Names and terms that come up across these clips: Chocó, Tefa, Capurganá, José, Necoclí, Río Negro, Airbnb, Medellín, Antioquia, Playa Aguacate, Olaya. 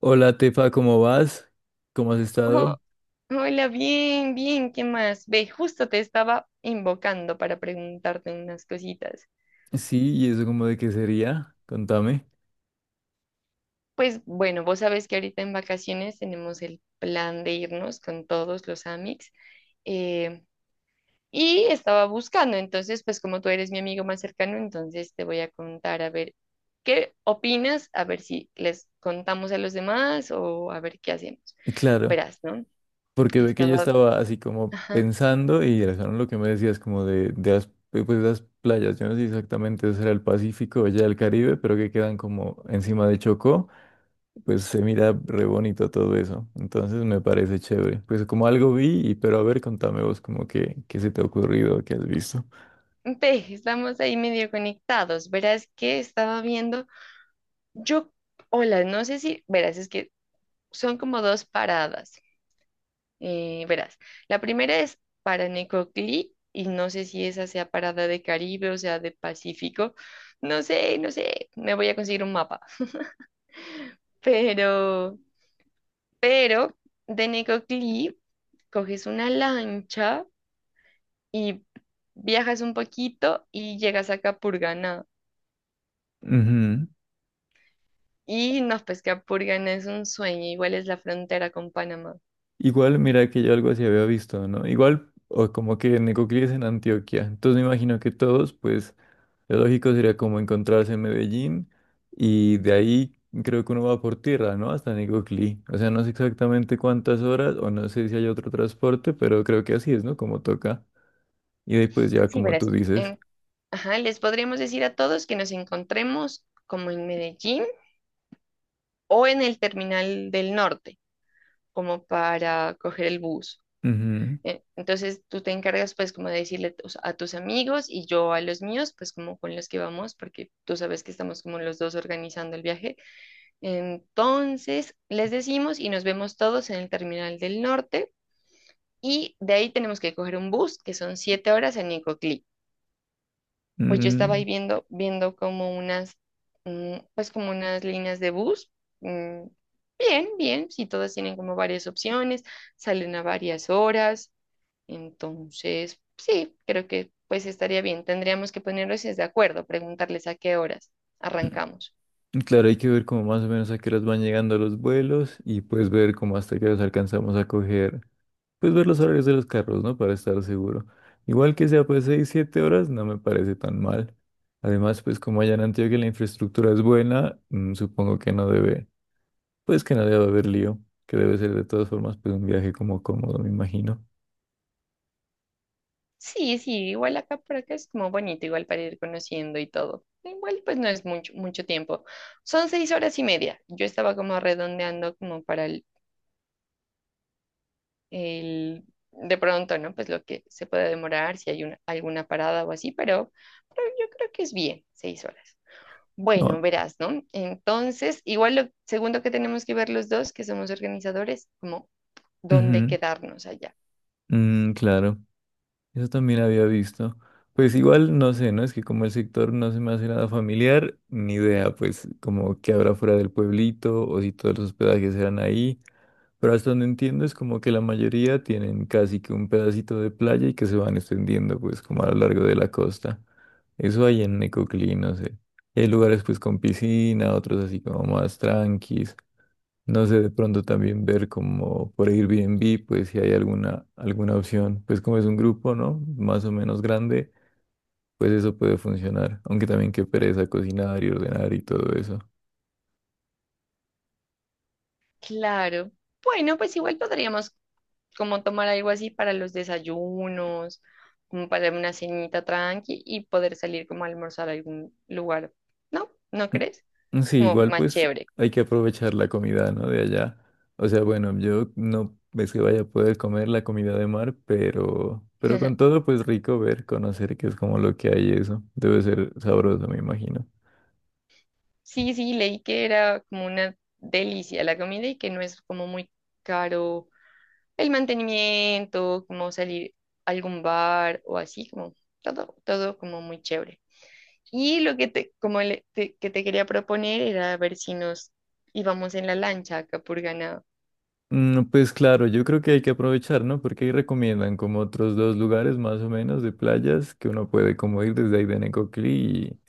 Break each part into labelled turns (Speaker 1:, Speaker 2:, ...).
Speaker 1: Hola Tefa, ¿cómo vas? ¿Cómo has estado?
Speaker 2: Oh, hola, bien, bien, ¿qué más? Ve, justo te estaba invocando para preguntarte unas cositas.
Speaker 1: Sí, ¿y eso como de qué sería? Contame.
Speaker 2: Pues bueno, vos sabés que ahorita en vacaciones tenemos el plan de irnos con todos los amics eh, y estaba buscando, entonces pues como tú eres mi amigo más cercano, entonces te voy a contar a ver qué opinas, a ver si les contamos a los demás o a ver qué hacemos.
Speaker 1: Claro,
Speaker 2: Verás, ¿no?
Speaker 1: porque ve que yo
Speaker 2: Estaba...
Speaker 1: estaba así como
Speaker 2: ajá.
Speaker 1: pensando y razón lo que me decías como de las, pues, las playas, yo no sé exactamente si era el Pacífico o ya el Caribe, pero que quedan como encima de Chocó, pues se mira re bonito todo eso, entonces me parece chévere. Pues como algo vi, y, pero a ver, contame vos como que, qué se te ha ocurrido, qué has visto.
Speaker 2: Ve, estamos ahí medio conectados. Verás que estaba viendo, yo, hola, no sé si, verás, es que son como dos paradas. Verás, la primera es para Necoclí y no sé si esa sea parada de Caribe o sea de Pacífico. No sé, no sé, me voy a conseguir un mapa. Pero, pero de Necoclí coges una lancha y viajas un poquito y llegas a Capurganá.
Speaker 1: Ujú.
Speaker 2: Y no, pues que Apurgan es un sueño, igual es la frontera con Panamá.
Speaker 1: Igual, mira que yo algo así había visto, ¿no? Igual, o como que Necoclí es en Antioquia. Entonces me imagino que todos, pues, lo lógico sería como encontrarse en Medellín y de ahí creo que uno va por tierra, ¿no? Hasta Necoclí. O sea, no sé exactamente cuántas horas o no sé si hay otro transporte, pero creo que así es, ¿no? Como toca. Y después ya
Speaker 2: Sí,
Speaker 1: como tú
Speaker 2: verás.
Speaker 1: dices.
Speaker 2: Ajá, les podríamos decir a todos que nos encontremos como en Medellín o en el terminal del norte, como para coger el bus.
Speaker 1: Ujú.
Speaker 2: Entonces tú te encargas pues como de decirle a tus amigos y yo a los míos, pues como con los que vamos, porque tú sabes que estamos como los dos organizando el viaje. Entonces les decimos y nos vemos todos en el terminal del norte. Y de ahí tenemos que coger un bus, que son 7 horas en Nicoclí. Pues yo estaba
Speaker 1: Mm,
Speaker 2: ahí viendo como unas, pues como unas líneas de bus. mm, Bien, bien, si todas tienen como varias opciones, salen a varias horas. Entonces, sí, creo que pues estaría bien. Tendríamos que ponernos de acuerdo, preguntarles a qué horas
Speaker 1: mm.
Speaker 2: arrancamos.
Speaker 1: Claro, hay que ver como más o menos a qué horas van llegando los vuelos y pues ver cómo hasta qué horas alcanzamos a coger, pues ver los horarios de los carros, ¿no? Para estar seguro. Igual que sea pues 6 7 horas, no me parece tan mal. Además, pues como allá en Antioquia la infraestructura es buena, supongo que no debe, pues que no debe haber lío, que debe ser de todas formas pues un viaje como cómodo, me imagino.
Speaker 2: Sí, sí, igual acá por acá es como bonito, igual para ir conociendo y todo. Igual pues no es mucho, mucho tiempo. Son 6 horas y media. Yo estaba como redondeando como para el- de pronto, ¿no? Pues lo que se puede demorar, si hay una, alguna parada o así, pero yo creo que es bien, 6 horas.
Speaker 1: Ah,
Speaker 2: Bueno, verás, ¿no? Entonces, igual lo segundo que tenemos que ver los dos, que somos organizadores, como dónde
Speaker 1: ujú,
Speaker 2: quedarnos allá.
Speaker 1: mm, claro, eso también había visto. Pues igual, no sé, ¿no? Es que como el sector no se me hace nada familiar, ni idea, pues como qué habrá fuera del pueblito o si todos los hospedajes eran ahí. Pero hasta donde entiendo es como que la mayoría tienen casi que un pedacito de playa y que se van extendiendo pues como a lo largo de la costa. Eso hay en Necoclí, no sé. Y hay lugares pues con piscina, otros así como más tranquis. No sé, de pronto también ver como por Airbnb, pues si hay alguna opción. Pues como es un grupo, ¿no? Más o menos grande, pues eso puede funcionar. Aunque también qué pereza cocinar y ordenar y todo eso.
Speaker 2: Claro. Bueno, pues igual podríamos como tomar algo así para los desayunos, como para una cenita tranqui y poder salir como a almorzar a algún lugar. ¿No? ¿No crees?
Speaker 1: Mm, sí,
Speaker 2: Como
Speaker 1: igual
Speaker 2: más
Speaker 1: pues
Speaker 2: chévere.
Speaker 1: hay que aprovechar la comida, ¿no? De allá. O sea, bueno, yo no es que vaya a poder comer la comida de mar, pero con todo pues rico ver, conocer qué es como lo que hay eso. Debe ser sabroso, me imagino.
Speaker 2: Sí, sí, leí que era como una delicia la comida y que no es como muy caro el mantenimiento, como salir a algún bar o así, como todo, todo como muy chévere. Y lo que te, que te quería proponer era ver si nos íbamos en la lancha a Capurganá.
Speaker 1: Mm, pues claro, yo creo que hay que aprovechar, ¿no? Porque ahí recomiendan como otros dos lugares más o menos de playas que uno puede como ir desde ahí de Necoclí y...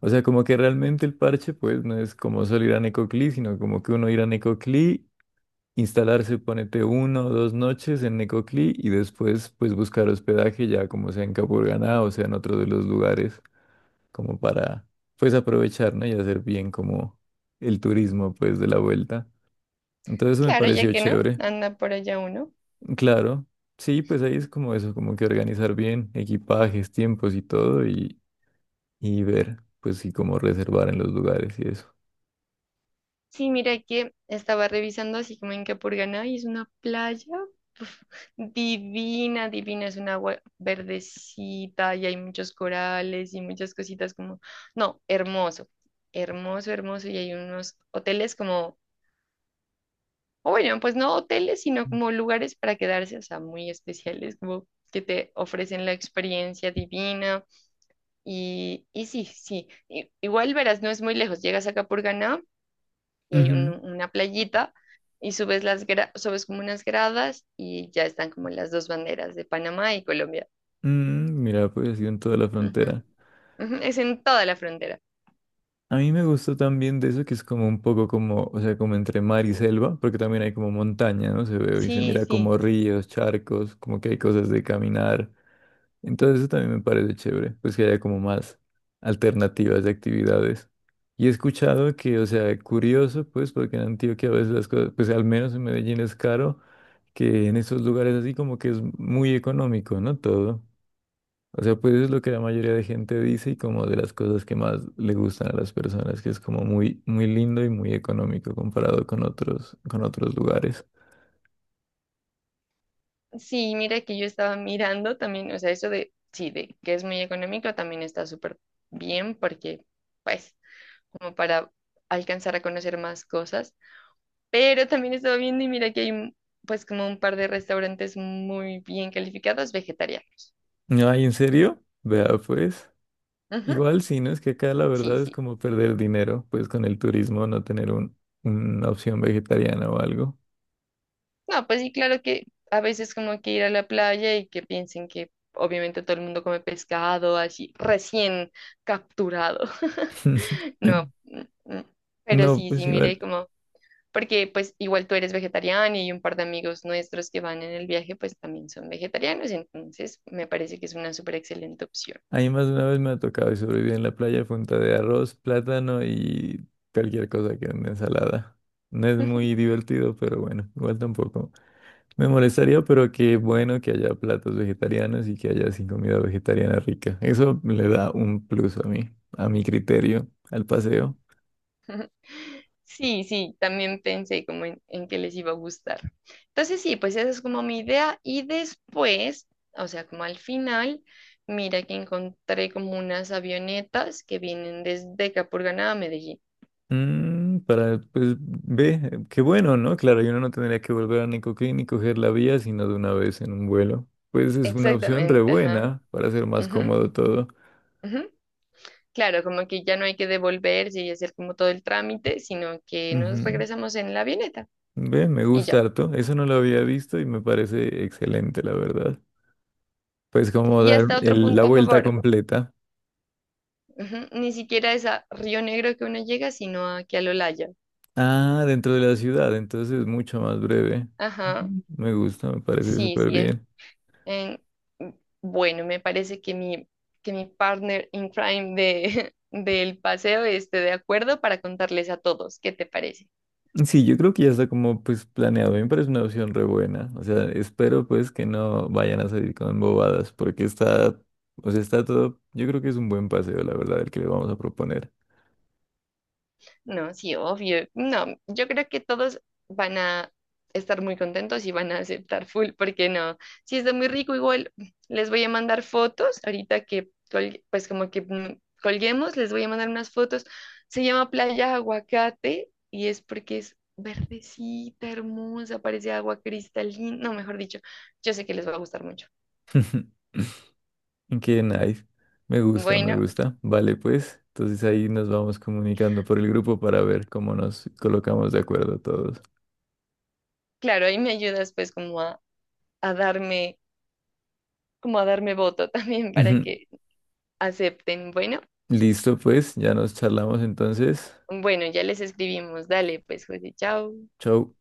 Speaker 1: O sea, como que realmente el parche pues no es como solo ir a Necoclí, sino como que uno ir a Necoclí instalarse, ponete uno o dos noches en Necoclí y después pues buscar hospedaje ya como sea en Capurganá o sea en otro de los lugares como para pues aprovechar, ¿no? Y hacer bien como el turismo pues de la vuelta. Entonces eso me
Speaker 2: Claro, ya
Speaker 1: pareció
Speaker 2: que no,
Speaker 1: chévere.
Speaker 2: anda por allá uno.
Speaker 1: Claro, sí, pues ahí es como eso, como que organizar bien equipajes, tiempos y todo y ver pues sí cómo reservar en los lugares y eso.
Speaker 2: Sí, mira que estaba revisando así como en Capurganá y es una playa divina, divina, es un agua verdecita y hay muchos corales y muchas cositas como, no, hermoso, hermoso, hermoso, y hay unos hoteles como, o bueno, pues no hoteles, sino como lugares para quedarse, o sea, muy especiales, como que te ofrecen la experiencia divina y sí, sí, igual verás, no es muy lejos, llegas a Capurganá y hay
Speaker 1: Ujú.
Speaker 2: una playita y subes como unas gradas y ya están como las dos banderas de Panamá y Colombia.
Speaker 1: Mira, pues yo en toda la
Speaker 2: Ujú,
Speaker 1: frontera.
Speaker 2: ujú, es en toda la frontera.
Speaker 1: A mí me gustó también de eso que es como un poco como, o sea, como entre mar y selva, porque también hay como montaña, ¿no? Se ve y se
Speaker 2: Sí,
Speaker 1: mira
Speaker 2: sí.
Speaker 1: como ríos, charcos, como que hay cosas de caminar. Entonces eso también me parece chévere, pues que haya como más alternativas de actividades. Y he escuchado que, o sea, curioso, pues, porque en Antioquia a veces las cosas, pues al menos en Medellín es caro, que en esos lugares así como que es muy económico, ¿no? Todo. O sea, pues es lo que la mayoría de gente dice y como de las cosas que más le gustan a las personas, que es como muy, muy lindo y muy económico comparado con otros, lugares.
Speaker 2: Sí, mira que yo estaba mirando también, o sea, eso de, sí, de que es muy económico también está súper bien porque, pues, como para alcanzar a conocer más cosas, pero también estaba viendo y mira que pues, como un par de restaurantes muy bien calificados vegetarianos.
Speaker 1: Ay, ¿en serio? Vea, pues.
Speaker 2: Ujú,
Speaker 1: Igual sí, ¿no? Es que acá la
Speaker 2: sí,
Speaker 1: verdad es
Speaker 2: sí.
Speaker 1: como perder dinero, pues con el turismo, no tener una opción vegetariana o algo.
Speaker 2: No, pues sí, claro que a veces como que ir a la playa y que piensen que obviamente todo el mundo come pescado así recién capturado. No. Mm. Pero
Speaker 1: No,
Speaker 2: sí,
Speaker 1: pues
Speaker 2: sí, mire
Speaker 1: igual.
Speaker 2: como, porque pues igual tú eres vegetariana y un par de amigos nuestros que van en el viaje pues también son vegetarianos, entonces me parece que es una súper excelente opción.
Speaker 1: A mí más de una vez me ha tocado y sobreviví en la playa a punta de arroz, plátano y cualquier cosa que una ensalada. No es muy divertido, pero bueno, igual tampoco. Me molestaría, pero qué bueno que haya platos vegetarianos y que haya así comida vegetariana rica. Eso le da un plus a mí, a mi criterio, al paseo.
Speaker 2: Sí, sí, también pensé como en que les iba a gustar. Entonces sí, pues esa es como mi idea. Y después, o sea, como al final, mira que encontré como unas avionetas que vienen desde Capurganá a Medellín.
Speaker 1: Para, pues, ve, qué bueno, ¿no? Claro, y uno no tendría que volver a Necoclí ni coger la vía, sino de una vez en un vuelo. Pues es una opción re
Speaker 2: Exactamente, ajá.
Speaker 1: buena para hacer más
Speaker 2: Ujú,
Speaker 1: cómodo todo.
Speaker 2: ujú. Claro, como que ya no hay que devolverse y hacer como todo el trámite, sino que nos
Speaker 1: Ujú.
Speaker 2: regresamos en la avioneta
Speaker 1: Bien, me
Speaker 2: y
Speaker 1: gusta
Speaker 2: ya.
Speaker 1: harto. Eso no lo había visto y me parece excelente, la verdad. Pues como
Speaker 2: Y
Speaker 1: dar
Speaker 2: hasta otro
Speaker 1: la
Speaker 2: punto a
Speaker 1: vuelta
Speaker 2: favor.
Speaker 1: completa.
Speaker 2: Ujú, ni siquiera es a Río Negro que uno llega, sino aquí al Olaya.
Speaker 1: Ah, dentro de la ciudad, entonces es mucho más breve.
Speaker 2: Ajá.
Speaker 1: Ujú. Me gusta, me parece
Speaker 2: Sí,
Speaker 1: súper
Speaker 2: sí,
Speaker 1: bien.
Speaker 2: en- bueno, me parece que que mi partner in crime de, del paseo esté de acuerdo para contarles a todos. ¿Qué te parece?
Speaker 1: Sí, yo creo que ya está como pues planeado. A mí me parece una opción re buena. O sea, espero pues que no vayan a salir con bobadas porque está, o sea, está todo, yo creo que es un buen paseo, la verdad, el que le vamos a proponer.
Speaker 2: No, sí, obvio. No, yo creo que todos van a estar muy contentos y van a aceptar full, porque no, si está muy rico, igual les voy a mandar fotos, ahorita que, pues como que colguemos, les voy a mandar unas fotos. Se llama Playa Aguacate y es porque es verdecita, hermosa, parece agua cristalina, no, mejor dicho, yo sé que les va a gustar mucho.
Speaker 1: Qué nice. Me gusta, me
Speaker 2: Bueno,
Speaker 1: gusta. Vale, pues. Entonces ahí nos vamos comunicando por el grupo para ver cómo nos colocamos de acuerdo todos.
Speaker 2: claro, ahí me ayudas pues como a darme, como a darme voto también para
Speaker 1: Ujú.
Speaker 2: que acepten. Bueno.
Speaker 1: Listo, pues. Ya nos charlamos entonces.
Speaker 2: Bueno, ya les escribimos. Dale, pues, José, chao.
Speaker 1: Chau.